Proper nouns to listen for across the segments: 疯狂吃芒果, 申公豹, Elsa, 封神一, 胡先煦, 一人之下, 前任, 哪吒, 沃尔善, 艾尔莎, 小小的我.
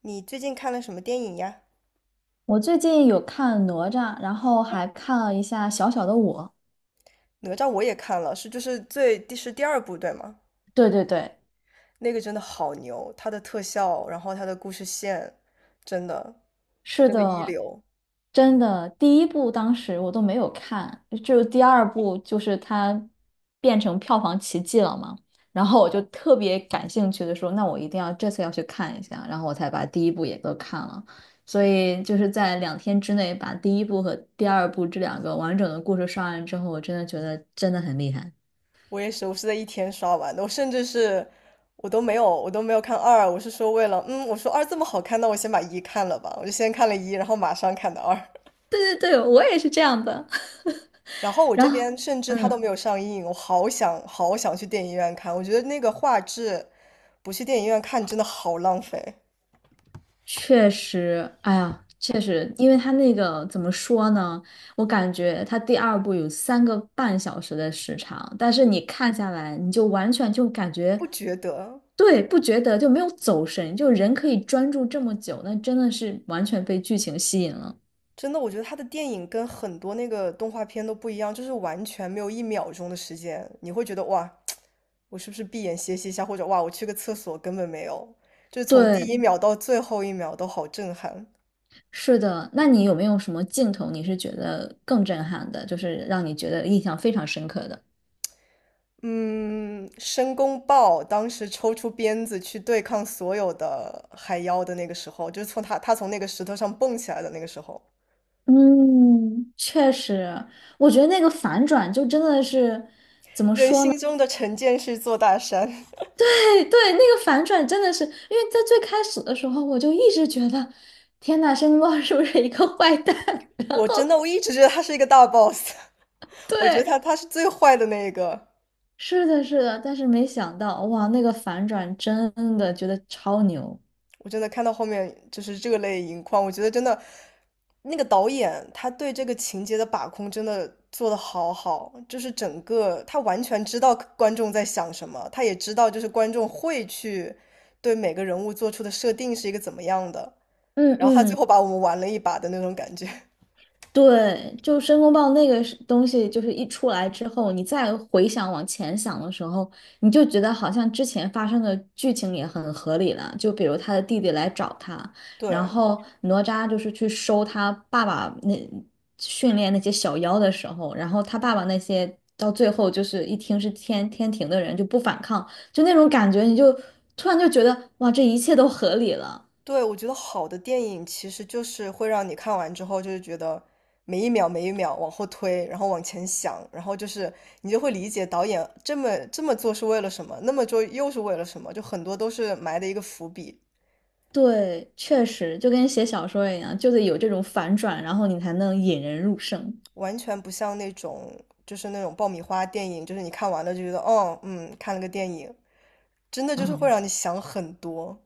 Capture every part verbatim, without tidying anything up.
你最近看了什么电影呀？我最近有看哪吒，然后还看了一下《小小的我》。哪吒我也看了，是就是最第是第二部对吗？对对对，那个真的好牛，它的特效，然后它的故事线，真的是真的一的，流。真的，第一部当时我都没有看，就第二部就是它变成票房奇迹了嘛，然后我就特别感兴趣的说，那我一定要这次要去看一下，然后我才把第一部也都看了，所以就是在两天之内把第一部和第二部这两个完整的故事刷完之后，我真的觉得真的很厉害。我也是，我是在一天刷完的，我甚至是我都没有我都没有看二，我是说为了嗯，我说二这么好看，那我先把一看了吧，我就先看了一，然后马上看的二。对对对，我也是这样的。然后我这然后，边甚至它嗯，都没有上映，我好想好想去电影院看，我觉得那个画质不去电影院看真的好浪费。确实，哎呀，确实，因为他那个怎么说呢？我感觉他第二部有三个半小时的时长，但是你看下来，你就完全就感不觉，觉得，对，不觉得就没有走神，就人可以专注这么久，那真的是完全被剧情吸引了。真的，我觉得他的电影跟很多那个动画片都不一样，就是完全没有一秒钟的时间，你会觉得哇，我是不是闭眼歇息一下，或者哇，我去个厕所，根本没有，就是从第一对，秒到最后一秒都好震撼。是的。那你有没有什么镜头你是觉得更震撼的，就是让你觉得印象非常深刻的？嗯，申公豹当时抽出鞭子去对抗所有的海妖的那个时候，就是从他他从那个石头上蹦起来的那个时候，嗯，确实，我觉得那个反转就真的是，人心中的成见是座大山。对对，那个反转真的是，因为在最开始的时候，我就一直觉得，天呐，申公豹是不是一个坏蛋？我真的我一直觉得他是一个大 boss。我觉得对，他他是最坏的那一个。是的，是的，但是没想到，哇，那个反转真的觉得超牛。我真的看到后面就是热泪盈眶，我觉得真的那个导演他对这个情节的把控真的做的好好，就是整个他完全知道观众在想什么，他也知道就是观众会去对每个人物做出的设定是一个怎么样的，嗯然后他最嗯。后把我们玩了一把的那种感觉。对，就申公豹那个是东西，就是一出来之后，你再回想往前想的时候，你就觉得好像之前发生的剧情也很合理了。就比如他的弟弟来找他，然对，后哪吒就是去收他爸爸那训练那些小妖的时候，然后他爸爸那些到最后就是一听是天天庭的人就不反抗，就那种感觉，你就突然就觉得哇，这一切都合理了。对，我觉得好的电影其实就是会让你看完之后，就是觉得每一秒每一秒往后推，然后往前想，然后就是你就会理解导演这么这么做是为了什么，那么做又是为了什么，就很多都是埋的一个伏笔，对，确实就跟写小说一样，就得有这种反转，然后你才能引人入胜。完全不像那种就是那种爆米花电影，就是你看完了就觉得哦，嗯，看了个电影，真的就是会啊，让你想很多。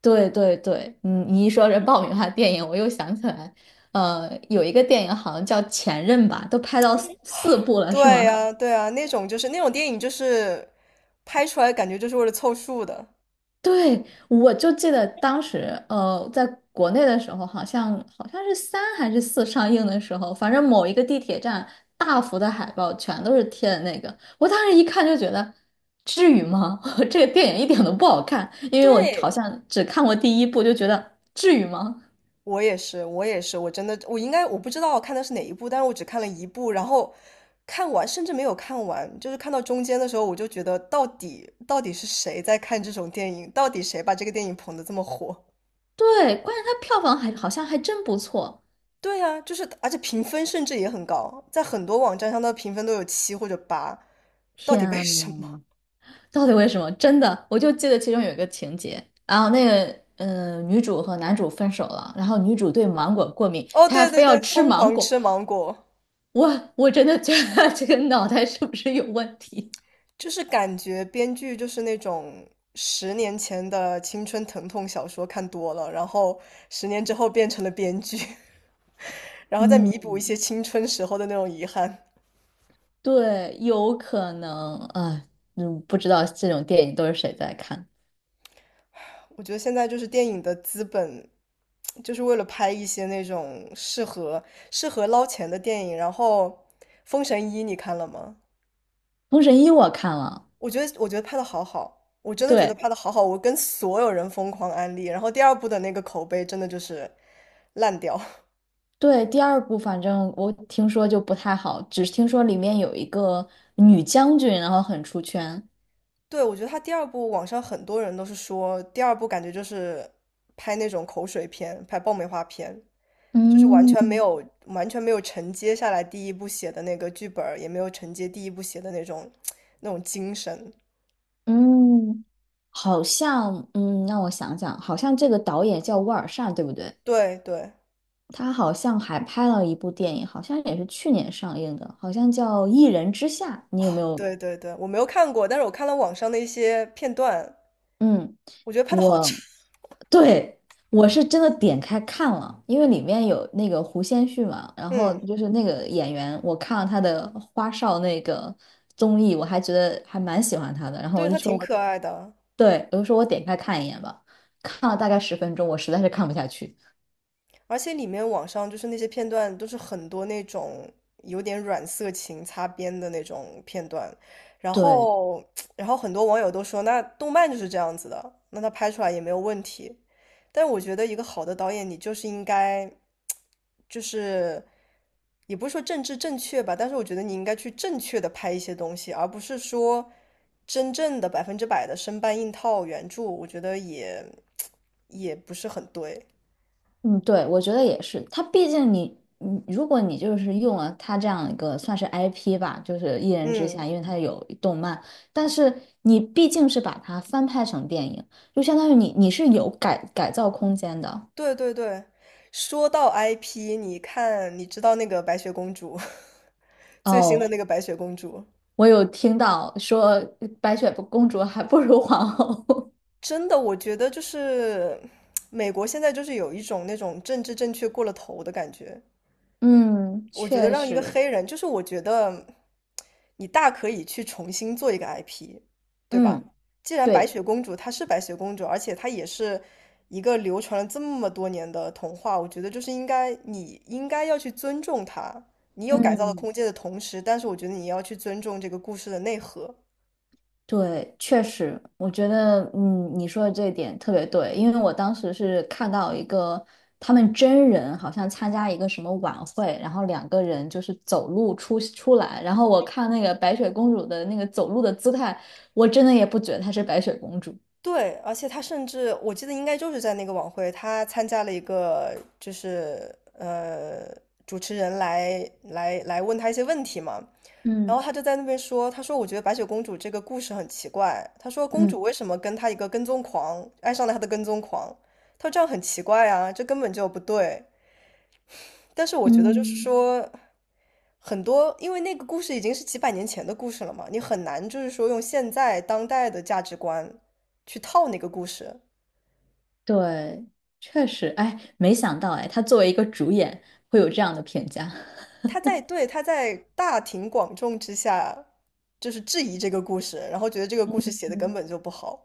对对对，嗯，你一说这爆米花电影，我又想起来，呃，有一个电影好像叫《前任》吧，都拍到四四部了，是吗？对呀，对呀，那种就是那种电影就是拍出来感觉就是为了凑数的。对，我就记得当时，呃，在国内的时候，好像好像是三还是四上映的时候，反正某一个地铁站大幅的海报全都是贴的那个，我当时一看就觉得，至于吗？这个电影一点都不好看，因为我好对，像只看过第一部，就觉得至于吗？我也是，我也是，我真的，我应该我不知道我看的是哪一部，但是我只看了一部，然后看完甚至没有看完，就是看到中间的时候，我就觉得到底到底是谁在看这种电影，到底谁把这个电影捧得这么火？对，关键它票房还好像还真不错。对啊，就是而且评分甚至也很高，在很多网站上的评分都有七或者八，到天底为什么？呐！到底为什么？真的，我就记得其中有一个情节，然后那个嗯，女主和男主分手了，然后女主对芒果过敏，哦，她还对非对要对，吃疯芒狂果，吃芒果。我我真的觉得这个脑袋是不是有问题？就是感觉编剧就是那种十年前的青春疼痛小说看多了，然后十年之后变成了编剧，然 后再弥补一嗯，些青春时候的那种遗憾。对，有可能啊，嗯，不知道这种电影都是谁在看。我觉得现在就是电影的资本，就是为了拍一些那种适合适合捞钱的电影。然后《封神一》你看了吗？《封神一》我看了，我觉得我觉得拍的好好，我真的觉得对拍的好好，我跟所有人疯狂安利。然后第二部的那个口碑真的就是烂掉。对，第二部反正我听说就不太好，只是听说里面有一个女将军，然后很出圈。对，我觉得他第二部，网上很多人都是说，第二部感觉就是拍那种口水片，拍爆米花片，就是完嗯，全没有完全没有承接下来第一部写的那个剧本儿也没有承接第一部写的那种那种精神。嗯，好像，嗯，让我想想，好像这个导演叫沃尔善，对不对？对对他好像还拍了一部电影，好像也是去年上映的，好像叫《一人之下》。你有没有？对对对，我没有看过，但是我看了网上的一些片段，嗯，我觉得拍的好差。我，对，我是真的点开看了，因为里面有那个胡先煦嘛，然后嗯，就是那个演员，我看了他的花少那个综艺，我还觉得还蛮喜欢他的，然后对，我就他说挺我。可爱的。对，我就说我点开看一眼吧，看了大概十分钟，我实在是看不下去。而且里面网上就是那些片段都是很多那种有点软色情擦边的那种片段，然对，后然后很多网友都说，那动漫就是这样子的，那他拍出来也没有问题。但我觉得一个好的导演，你就是应该，就是也不是说政治正确吧，但是我觉得你应该去正确的拍一些东西，而不是说真正的百分之百的生搬硬套原著，我觉得也也不是很对。嗯，对，我觉得也是，它毕竟你，你，如果你就是用了它这样一个算是 I P 吧，就是一人之嗯。下，因为它有动漫，但是你毕竟是把它翻拍成电影，就相当于你你是有改改造空间的。对对对，说到 I P，你看，你知道那个白雪公主，最新的哦，那个白雪公主，我有听到说白雪公主还不如皇后。真的，我觉得就是 美国现在就是有一种那种政治正确过了头的感觉，嗯，我觉得确让一个实，黑人，就是我觉得你大可以去重新做一个 I P，对吧？嗯，既然白对，雪公主她是白雪公主，而且她也是一个流传了这么多年的童话，我觉得就是应该你应该要去尊重她。你有改造的嗯。空间的同时，但是我觉得你要去尊重这个故事的内核。对，确实，我觉得，嗯，你说的这一点特别对，因为我当时是看到一个他们真人好像参加一个什么晚会，然后两个人就是走路出出来，然后我看那个白雪公主的那个走路的姿态，我真的也不觉得她是白雪公主。对，而且他甚至我记得应该就是在那个晚会，他参加了一个就是呃主持人来来来问他一些问题嘛，然嗯后他就在那边说，他说我觉得白雪公主这个故事很奇怪，他说公嗯主为什么跟他一个跟踪狂爱上了他的跟踪狂，他说这样很奇怪啊，这根本就不对。但是我觉得就是嗯，说很多，因为那个故事已经是几百年前的故事了嘛，你很难就是说用现在当代的价值观去套那个故事。对，确实，哎，没想到，哎，她作为一个主演会有这样的评价。他在对他在大庭广众之下就是质疑这个故事，然后觉得这个故事 写的根嗯，本就不好。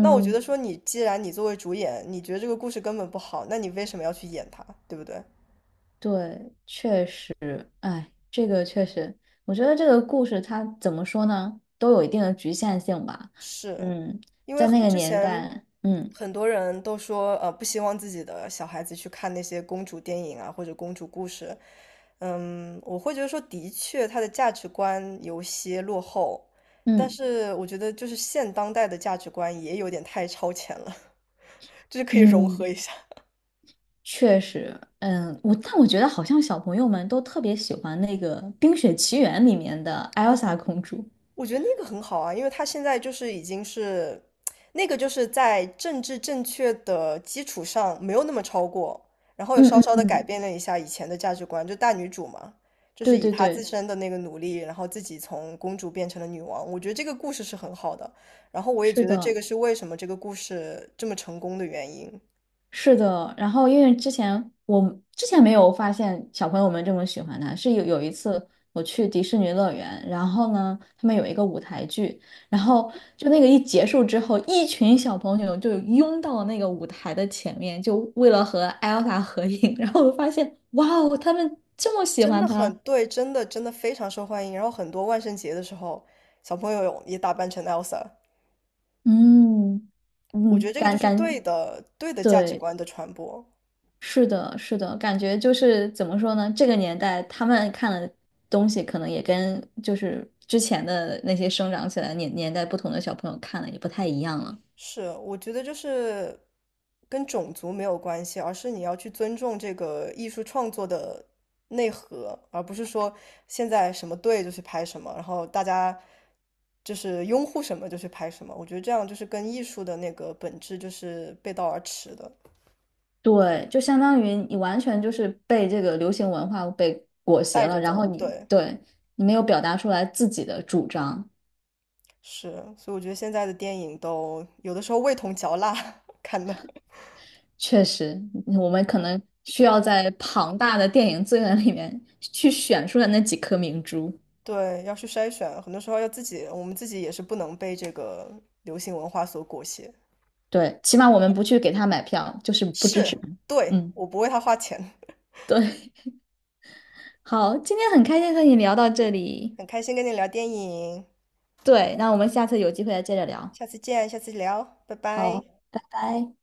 那我觉得说你既然你作为主演，你觉得这个故事根本不好，那你为什么要去演它，对不对？对，确实，哎，这个确实，我觉得这个故事它怎么说呢，都有一定的局限性吧。是，嗯，因为在那个之年前代，嗯很多人都说，呃，不希望自己的小孩子去看那些公主电影啊，或者公主故事。嗯，我会觉得说，的确，他的价值观有些落后，但嗯是我觉得就是现当代的价值观也有点太超前了，就是可以融合嗯，一下。确实，嗯，我但我觉得好像小朋友们都特别喜欢那个《冰雪奇缘》里面的艾尔莎公主。我觉得那个很好啊，因为她现在就是已经是，那个就是在政治正确的基础上没有那么超过，然后又嗯稍嗯稍的改嗯，变了一下以前的价值观，就大女主嘛，就是对以对她自对，身的那个努力，然后自己从公主变成了女王。我觉得这个故事是很好的，然后我也是觉得这的。个是为什么这个故事这么成功的原因，是的，然后因为之前我之前没有发现小朋友们这么喜欢他，是有有一次我去迪士尼乐园，然后呢，他们有一个舞台剧，然后就那个一结束之后，一群小朋友就拥到那个舞台的前面，就为了和艾尔法合影，然后我发现，哇哦，他们这么喜真欢的很他，对，真的真的非常受欢迎。然后很多万圣节的时候，小朋友也打扮成 Elsa。嗯我觉得嗯，这个就感是对感，的，对的价值对。观的传播。是的，是的，感觉就是怎么说呢？这个年代他们看的东西，可能也跟就是之前的那些生长起来的年年代不同的小朋友看的也不太一样了。是，我觉得就是跟种族没有关系，而是你要去尊重这个艺术创作的内核，而不是说现在什么对就去拍什么，然后大家就是拥护什么就去拍什么。我觉得这样就是跟艺术的那个本质就是背道而驰的，对，就相当于你完全就是被这个流行文化被裹挟带了，着然后走。你对，对你没有表达出来自己的主张。是，所以我觉得现在的电影都有的时候味同嚼蜡 看的。确实，我们可能需要在庞大的电影资源里面去选出来那几颗明珠。对，要去筛选，很多时候要自己，我们自己也是不能被这个流行文化所裹挟。对，起码我们不去给他买票，就是不支是，持他对，嗯。我不为他花钱。对，好，今天很开心和你聊到这里。很开心跟你聊电影，对，那我们下次有机会再接着聊。下次见，下次聊，拜拜。好，拜拜。